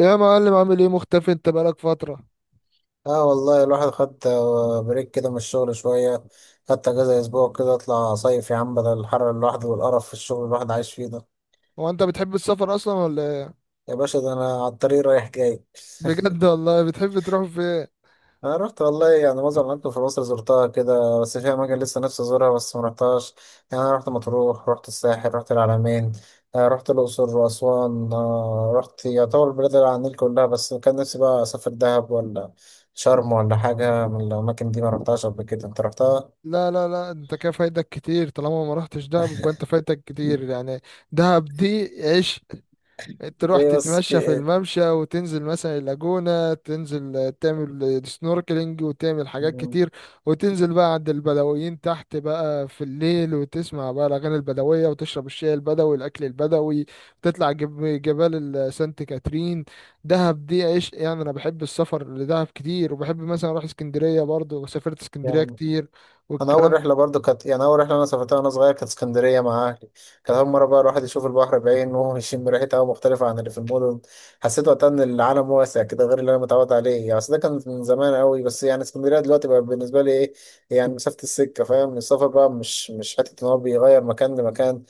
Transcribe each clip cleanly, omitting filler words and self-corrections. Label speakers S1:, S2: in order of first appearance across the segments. S1: يا معلم، عامل ايه؟ مختفي، انت بقالك فترة.
S2: اه والله الواحد خد بريك كده من الشغل شوية. خدت اجازة اسبوع كده اطلع صيف يا عم، بدل الحر اللي الواحد والقرف في الشغل اللي الواحد عايش فيه ده.
S1: هو انت بتحب السفر اصلا ولا ايه؟
S2: يا باشا، ده انا على الطريق رايح جاي.
S1: بجد والله؟ بتحب تروح فين؟
S2: انا رحت والله يعني معظم الاماكن في مصر زرتها كده، بس في اماكن لسه نفسي ازورها بس ما رحتهاش. يعني انا رحت مطروح، رحت الساحل، رحت العلمين. رحت الاقصر واسوان. رحت يعتبر البلاد اللي على النيل كلها، بس كان نفسي بقى اسافر دهب ولا شرم ولا حاجة من الاماكن دي ما رحتهاش قبل كده. انت رحتها؟
S1: لا لا لا، انت كده فايتك كتير. طالما ما رحتش دهب يبقى انت فايتك كتير يعني. دهب دي عيش. تروح
S2: ليه بس، في
S1: تتمشى في
S2: ايه؟
S1: الممشى، وتنزل مثلا اللاجونة تنزل تعمل سنوركلينج، وتعمل حاجات
S2: مم.
S1: كتير. وتنزل بقى عند البدويين تحت بقى في الليل، وتسمع بقى الأغاني البدوية، وتشرب الشاي البدوي، الأكل البدوي. تطلع جبال سانت كاترين. دهب دي عيش يعني. أنا بحب السفر لدهب كتير، وبحب مثلا أروح اسكندرية برضه، وسافرت اسكندرية
S2: يعني
S1: كتير
S2: انا اول
S1: والكلام.
S2: رحله برضو كانت، يعني اول رحله انا سافرتها وانا صغير، كانت اسكندريه مع اهلي. كانت اول مره بقى الواحد يشوف البحر بعينه وهو يشم ريحه هوا مختلفه عن اللي في المدن. حسيت وقتها ان العالم واسع كده غير اللي انا متعود عليه يعني، بس ده كان من زمان قوي. بس يعني اسكندريه دلوقتي بقى بالنسبه لي ايه؟ يعني مسافه السكه، فاهم؟ السفر بقى مش حته ان هو بيغير مكان لمكان،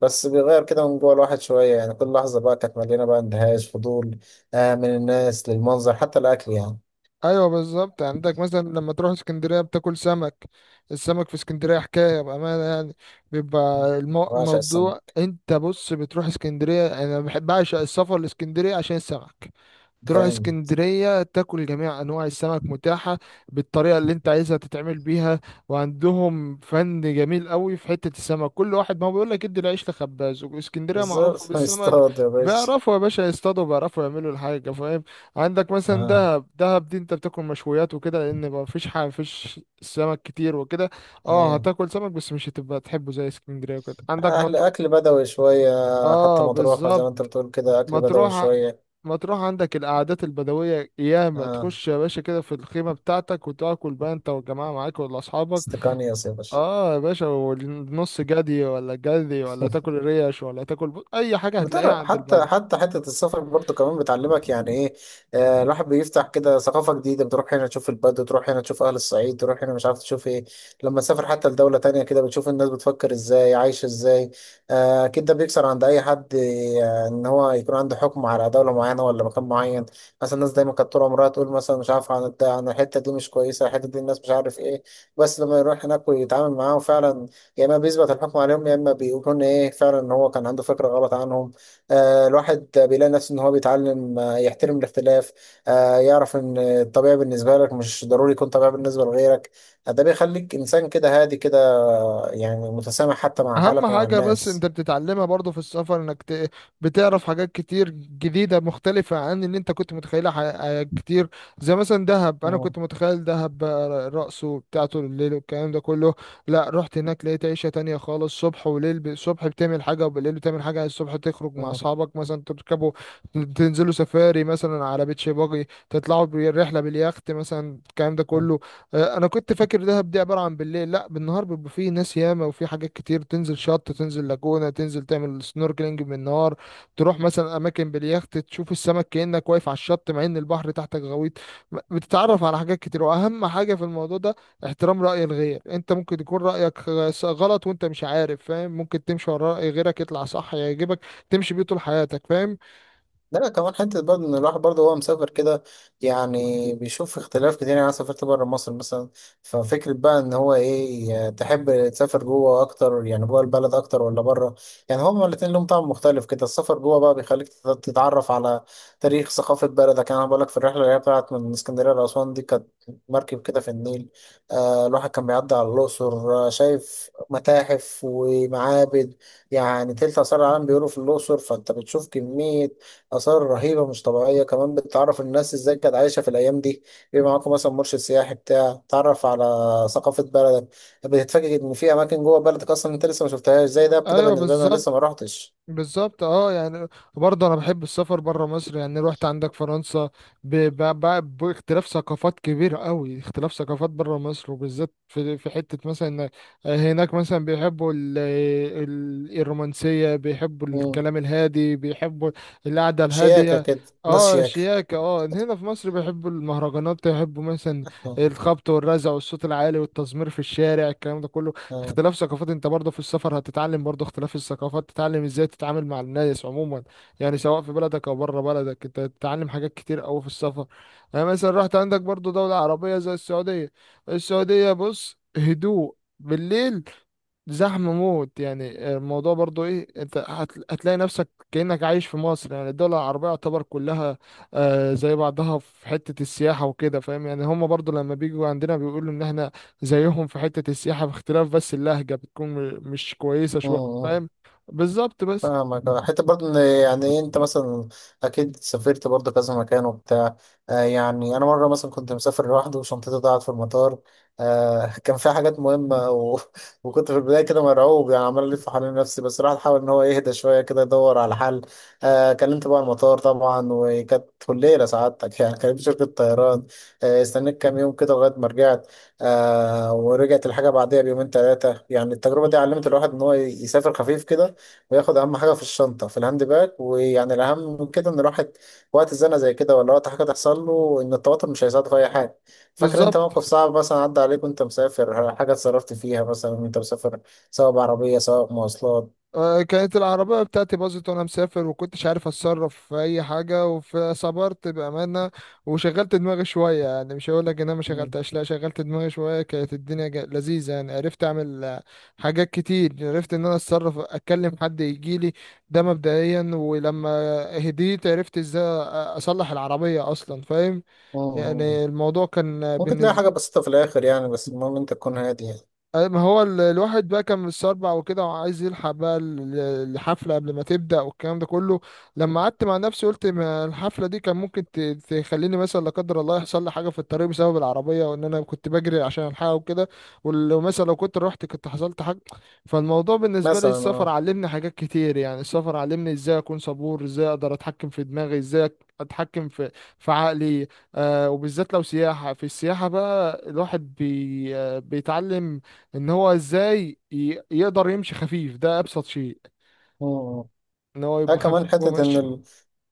S2: بس بيغير كده من جوه الواحد شويه. يعني كل لحظه بقى كانت مليانه بقى اندهاش فضول، من الناس للمنظر حتى الاكل يعني.
S1: ايوه بالظبط يعني. عندك مثلا لما تروح اسكندريه بتاكل سمك. السمك في اسكندريه حكايه بامانه يعني. بيبقى
S2: بعشق
S1: الموضوع،
S2: السمك.
S1: انت بص، بتروح اسكندريه، انا بحب اعشق السفر لاسكندريه عشان السمك. تروح
S2: جامد.
S1: اسكندرية تاكل جميع أنواع السمك متاحة بالطريقة اللي أنت عايزها تتعمل بيها. وعندهم فن جميل قوي في حتة السمك. كل واحد ما هو بيقول لك ادي العيش لخباز، واسكندرية معروفة
S2: بالظبط.
S1: بالسمك.
S2: يصطاد يا باشا.
S1: بيعرفوا يا باشا يصطادوا، بيعرفوا يعملوا الحاجة فاهم. عندك مثلا
S2: اه.
S1: دهب، دهب دي أنت بتاكل مشويات وكده، لأن ما فيش حاجة، مفيش سمك كتير وكده. اه،
S2: اه،
S1: هتاكل سمك بس مش هتبقى تحبه زي اسكندرية وكده. عندك
S2: اهل
S1: مطر،
S2: اكل بدوي شويه. حتى
S1: اه
S2: مطروح زي ما انت
S1: بالظبط.
S2: بتقول كده اكل بدوي
S1: مطروح،
S2: شويه.
S1: مطروح عندك القعدات البدوية، ياما
S2: اه،
S1: تخش يا باشا كده في الخيمة بتاعتك، وتاكل بقى انت والجماعة معاك ولا أصحابك.
S2: استقانية يا باشا.
S1: اه يا باشا، والنص جدي ولا جدي، ولا تاكل ريش، ولا تاكل أي حاجة هتلاقيها عند
S2: حتى
S1: البدو.
S2: حتى حتة السفر برضه كمان بتعلمك يعني ايه. الواحد بيفتح كده ثقافة جديدة، بتروح هنا تشوف البدو، تروح هنا تشوف أهل الصعيد، تروح هنا مش عارف تشوف ايه. لما تسافر حتى لدولة تانية كده بتشوف الناس بتفكر ازاي، عايشة ازاي. أكيد ده بيكسر عند أي حد إن هو يكون عنده حكم على دولة معينة ولا مكان معين. مثلا الناس دايما كانت طول عمرها تقول مثلا مش عارف عن عن الحتة دي، مش كويسة الحتة دي، الناس مش عارف ايه. بس لما يروح هناك ويتعامل معاهم فعلا، يا إما بيثبت الحكم عليهم يا إما بيكون ايه فعلا إن هو كان عنده فكرة غلط عنهم. الواحد بيلاقي نفسه ان هو بيتعلم، يحترم الاختلاف. يعرف ان الطبيعي بالنسبه لك مش ضروري يكون طبيعي بالنسبه لغيرك. ده بيخليك انسان كده هادي كده، يعني متسامح حتى مع
S1: اهم
S2: حالك ومع
S1: حاجة بس
S2: الناس.
S1: انت بتتعلمها برضو في السفر، انك بتعرف حاجات كتير جديدة مختلفة عن اللي انت كنت متخيلها ح... آه، كتير. زي مثلا دهب، انا
S2: مم.
S1: كنت متخيل دهب بقى رقصه بتاعته الليل والكلام ده كله. لا، رحت هناك لقيت عيشة تانية خالص، صبح وليل. الصبح بتعمل حاجة، وبالليل بتعمل حاجة. الصبح تخرج مع اصحابك مثلا تركبوا، تنزلوا سفاري مثلا على بيتش باجي، تطلعوا بالرحلة باليخت مثلا، الكلام ده
S2: مم.
S1: كله. انا كنت فاكر دهب دي عباره عن بالليل. لا، بالنهار بيبقى فيه ناس ياما، وفي حاجات كتير. تنزل شط، تنزل لاجونه، تنزل تعمل سنوركلينج بالنهار. تروح مثلا اماكن باليخت، تشوف السمك كانك واقف على الشط، مع ان البحر تحتك غويط. بتتعرف على حاجات كتير. واهم حاجه في الموضوع ده احترام راي الغير. انت ممكن يكون رايك غلط وانت مش عارف فاهم. ممكن تمشي ورا راي غيرك يطلع صح يعجبك، تمشي بيه طول حياتك فاهم.
S2: لا لا، كمان حتة برضه إن الواحد برضه هو مسافر كده يعني بيشوف اختلاف كتير. يعني أنا سافرت بره مصر مثلا. ففكرة بقى إن هو إيه، تحب تسافر جوه أكتر، يعني جوه البلد أكتر، ولا بره؟ يعني هما الاتنين لهم طعم مختلف كده. السفر جوه بقى بيخليك تتعرف على تاريخ ثقافة بلدك. يعني أنا بقولك، في الرحلة اللي هي بتاعت من اسكندرية لأسوان دي، كانت مركب كده في النيل. الواحد كان بيعدي على الأقصر، شايف متاحف ومعابد. يعني تلت آثار العالم بيقولوا في الأقصر، فأنت بتشوف كمية آثار رهيبة مش طبيعية. كمان بتعرف الناس ازاي كانت عايشة في الأيام دي. بيبقى معاكم مثلا مرشد سياحي بتاع تعرف على ثقافة بلدك. بتتفاجئ إن في أماكن جوه بلدك أصلا أنت لسه ما شفتهاش، زي ده كده
S1: ايوه
S2: بالنسبة لي أنا
S1: بالظبط.
S2: لسه ما رحتش.
S1: بالظبط اه يعني. برضه انا بحب السفر بره مصر يعني. رحت عندك فرنسا، باختلاف ثقافات كبير قوي. اختلاف ثقافات بره مصر وبالذات في في حتة مثلا إن، هناك مثلا بيحبوا الرومانسية، بيحبوا
S2: مم.
S1: الكلام الهادي، بيحبوا القعدة
S2: شياكة
S1: الهادية.
S2: كده، ناس
S1: اه
S2: شياكة.
S1: شياكة، اه. هنا في مصر بيحبوا المهرجانات، يحبوا مثلا
S2: آه.
S1: الخبط والرزع والصوت العالي والتزمير في الشارع، الكلام ده كله.
S2: آه.
S1: اختلاف ثقافات، انت برضه في السفر هتتعلم برضه اختلاف الثقافات، تتعلم ازاي تتعامل مع الناس عموما. يعني سواء في بلدك او بره بلدك، انت تتعلم حاجات كتير قوي في السفر. يعني مثلا رحت عندك برضه دولة عربية زي السعودية. السعودية بص، هدوء بالليل، زحمة موت. يعني الموضوع برضو ايه، انت هتلاقي نفسك كأنك عايش في مصر. يعني الدول العربية يعتبر كلها زي بعضها في حتة السياحة وكده فاهم. يعني هم برضو لما بيجوا عندنا بيقولوا ان احنا زيهم في حتة السياحة، باختلاف بس اللهجة بتكون مش كويسة شوية
S2: آه.
S1: فاهم. بالظبط بس.
S2: فاهمك. حتى برضه ان، يعني إيه، انت مثلا اكيد سافرت برضه كذا مكان وبتاع. يعني انا مره مثلا كنت مسافر لوحدي وشنطتي ضاعت في المطار. كان فيها حاجات مهمه وكنت في البدايه كده مرعوب، يعني عمال الف حوالين نفسي، بس الواحد حاول ان هو يهدى شويه كده يدور على حل. كلمت بقى المطار طبعا، وكانت كلية سعادتك. يعني كلمت شركه طيران. استنيت كام يوم كده لغايه ما رجعت. ورجعت الحاجه بعدها بيومين ثلاثه. يعني التجربه دي علمت الواحد ان هو يسافر خفيف كده، وياخد اهم حاجه في الشنطه في الهاند باج. ويعني الاهم من كده ان الواحد وقت زنقه زي كده ولا وقت حاجه تحصل له، ان التوتر مش هيساعده في اي حاجه. فاكر انت
S1: بالظبط.
S2: موقف صعب مثلا عدى عليك وانت مسافر، حاجه اتصرفت فيها مثلا وانت مسافر، سواء بعربيه سواء مواصلات؟
S1: كانت العربية بتاعتي باظت وأنا مسافر، وكنتش عارف أتصرف في أي حاجة. فصبرت بأمانة، وشغلت دماغي شوية. يعني مش هقول لك إن أنا ما
S2: مم.
S1: شغلتهاش، لا، شغلت دماغي شوية. كانت الدنيا لذيذة يعني. عرفت أعمل حاجات كتير. عرفت إن أنا أتصرف، أتكلم حد يجيلي، ده مبدئيا. ولما هديت عرفت إزاي أصلح العربية أصلا فاهم.
S2: مم.
S1: يعني الموضوع كان
S2: ممكن تلاقي حاجه
S1: بالنسبة،
S2: بسيطه في الاخر يعني، بس المهم انت تكون هادي يعني.
S1: ما هو الواحد بقى كان متسربع وكده، وعايز يلحق بقى الحفلة قبل ما تبدأ، والكلام ده كله. لما قعدت مع نفسي قلت ما الحفلة دي كان ممكن تخليني مثلا، لا قدر الله، يحصل لي حاجة في الطريق بسبب العربية، وإن أنا كنت بجري عشان ألحقها وكده. ولو مثلا لو كنت رحت كنت حصلت حاجة. فالموضوع بالنسبة لي،
S2: مثلا،
S1: السفر
S2: اه.
S1: علمني حاجات كتير. يعني السفر علمني إزاي أكون صبور، إزاي أقدر أتحكم في دماغي، إزاي أتحكم في في عقلي. آه، وبالذات لو سياحة. في السياحة بقى الواحد بي آه، بيتعلم ان هو ازاي يقدر يمشي خفيف. ده ابسط شيء،
S2: مم.
S1: ان هو
S2: ها،
S1: يبقى خفيف
S2: كمان حتة إن.
S1: وماشي.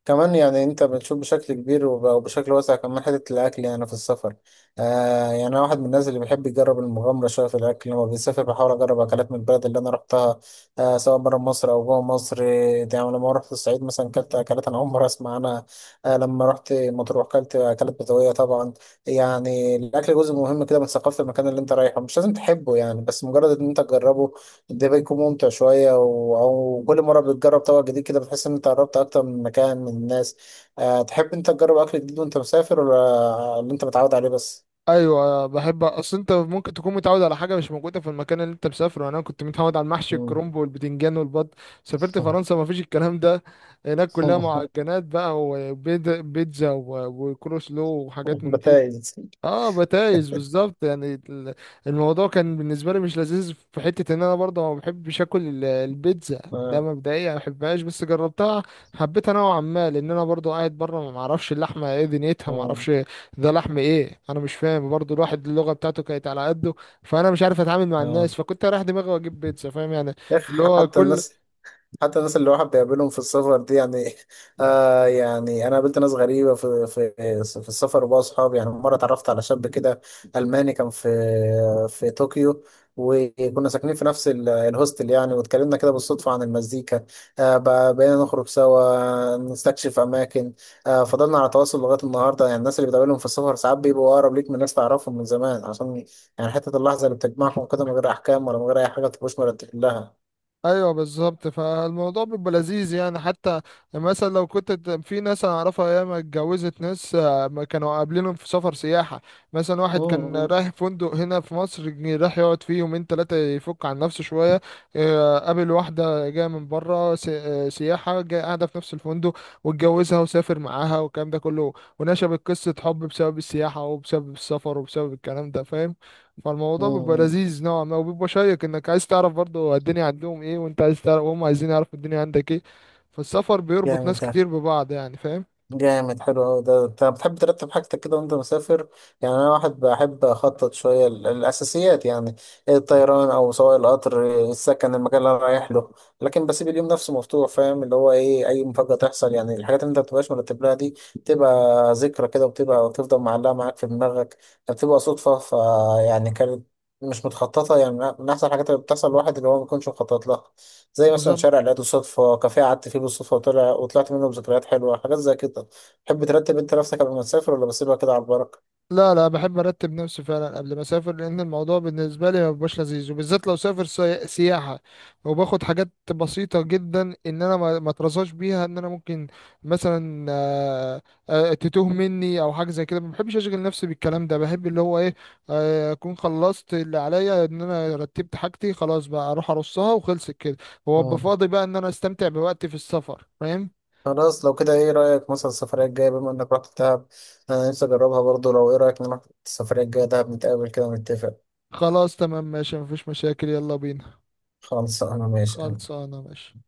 S2: كمان يعني انت بتشوف بشكل كبير وبشكل واسع، كمان حتة الاكل يعني في السفر. يعني انا واحد من الناس اللي بيحب يجرب المغامرة شوية في الاكل، لما بيسافر بحاول اجرب اكلات من البلد اللي انا رحتها، سواء بره مصر او جوه مصر. يعني لما رحت الصعيد مثلا كلت اكلات انا اول مرة اسمع عنها. لما رحت مطروح كلت اكلات بدوية طبعا. يعني الاكل جزء مهم كده من ثقافة المكان اللي انت رايحه، مش لازم تحبه يعني بس مجرد ان انت تجربه ده بيكون ممتع شوية أو كل مرة بتجرب طبق جديد كده بتحس إن أنت قربت أكتر من مكان، من الناس. تحب أنت تجرب أكل جديد وأنت مسافر ولا اللي أنت متعود عليه بس؟
S1: ايوه بحب. اصل انت ممكن تكون متعود على حاجه مش موجوده في المكان اللي انت مسافره. يعني انا كنت متعود على المحشي
S2: مم.
S1: الكرنب والبتنجان والبط، سافرت فرنسا ما فيش الكلام ده. هناك كلها معجنات بقى، وبيتزا، وكروسلو، وحاجات من دي.
S2: بتايز.
S1: اه بتايز بالظبط. يعني الموضوع كان بالنسبه لي مش لذيذ، في حته ان انا برضه ما بحبش اكل البيتزا، ده
S2: آه.
S1: مبدئيا ما بحبهاش. بس جربتها، حبيتها نوعا ما، لان انا برضه قاعد بره، ما اعرفش اللحمه ايه دنيتها، ما
S2: آه.
S1: اعرفش ده لحم ايه، انا مش فاهم. برضه الواحد اللغه بتاعته كانت على قده، فانا مش عارف اتعامل مع
S2: آه.
S1: الناس، فكنت رايح دماغي واجيب بيتزا فاهم يعني.
S2: يا
S1: اللي
S2: أخي.
S1: هو
S2: حتى
S1: كل.
S2: الناس حتى الناس اللي الواحد بيقابلهم في السفر دي يعني. يعني انا قابلت ناس غريبه في السفر، وبقى اصحاب. يعني مره اتعرفت على شاب كده الماني، كان في طوكيو. وكنا ساكنين في نفس الهوستل يعني. واتكلمنا كده بالصدفه عن المزيكا. بقينا نخرج سوا نستكشف اماكن. فضلنا على تواصل لغايه النهارده. يعني الناس اللي بتقابلهم في السفر ساعات بيبقوا اقرب ليك من ناس تعرفهم من زمان، عشان يعني حته اللحظه اللي بتجمعهم كده من غير احكام، ولا من غير اي حاجه تبقوش مرتب لها.
S1: ايوه بالظبط. فالموضوع بيبقى لذيذ يعني. حتى مثلا لو كنت في ناس انا اعرفها ياما اتجوزت ناس، ما كانوا قابلينهم في سفر سياحه. مثلا واحد كان
S2: مم.
S1: رايح فندق هنا في مصر، جه راح يقعد فيه يومين ثلاثه يفك عن نفسه شويه، قابل واحده جايه من بره سياحه جايه قاعده في نفس الفندق، واتجوزها وسافر معاها والكلام ده كله. ونشبت قصه حب بسبب السياحه وبسبب السفر وبسبب الكلام ده فاهم. فالموضوع بيبقى
S2: مم.
S1: لذيذ نوعا ما، وبيبقى شيق، انك عايز تعرف برضه الدنيا عندهم ايه، وانت عايز تعرف، وهم عايزين يعرفوا الدنيا عندك ايه. فالسفر بيربط
S2: جامد
S1: ناس
S2: ده.
S1: كتير ببعض يعني فاهم.
S2: جامد حلو أوي ده. أنت بتحب ترتب حاجتك كده وأنت مسافر؟ يعني أنا واحد بحب أخطط شوية الأساسيات يعني، الطيران أو سواء القطر، السكن، المكان اللي أنا رايح له. لكن بسيب اليوم نفسه مفتوح، فاهم؟ اللي هو إيه، أي مفاجأة تحصل. يعني الحاجات اللي أنت مبتبقاش مرتب لها دي بتبقى ذكرى كده، وبتبقى وتفضل معلقة معاك في دماغك. بتبقى صدفة، فيعني كانت مش متخططة يعني. من أحسن الحاجات اللي بتحصل الواحد اللي هو ما بيكونش مخطط لها. زي مثلا
S1: بالظبط.
S2: شارع لقيته صدفة، كافيه قعدت فيه بالصدفة وطلعت منه بذكريات حلوة، حاجات زي كده. تحب ترتب انت نفسك قبل ما تسافر، ولا بسيبها كده على البركة؟
S1: لا لا، بحب ارتب نفسي فعلا قبل ما اسافر، لان الموضوع بالنسبه لي ما بيبقاش لذيذ، وبالذات لو سافر سياحه. وباخد حاجات بسيطه جدا ان انا ما اترزاش بيها، ان انا ممكن مثلا تتوه مني او حاجه زي كده. ما بحبش اشغل نفسي بالكلام ده، بحب اللي هو ايه، اكون خلصت اللي عليا، ان انا رتبت حاجتي خلاص، بقى اروح ارصها وخلصت كده، وابقى
S2: مم.
S1: فاضي بقى ان انا استمتع بوقتي في السفر فاهم.
S2: خلاص لو كده، ايه رأيك مثلا السفرية الجاية، بما انك رحت دهب انا نفسي اجربها برضو. لو ايه رأيك نروح السفرية الجاية دهب، نتقابل كده ونتفق.
S1: خلاص، تمام، ماشي، مفيش مشاكل، يلا بينا.
S2: خلاص انا ماشي.
S1: خلصانه ماشي.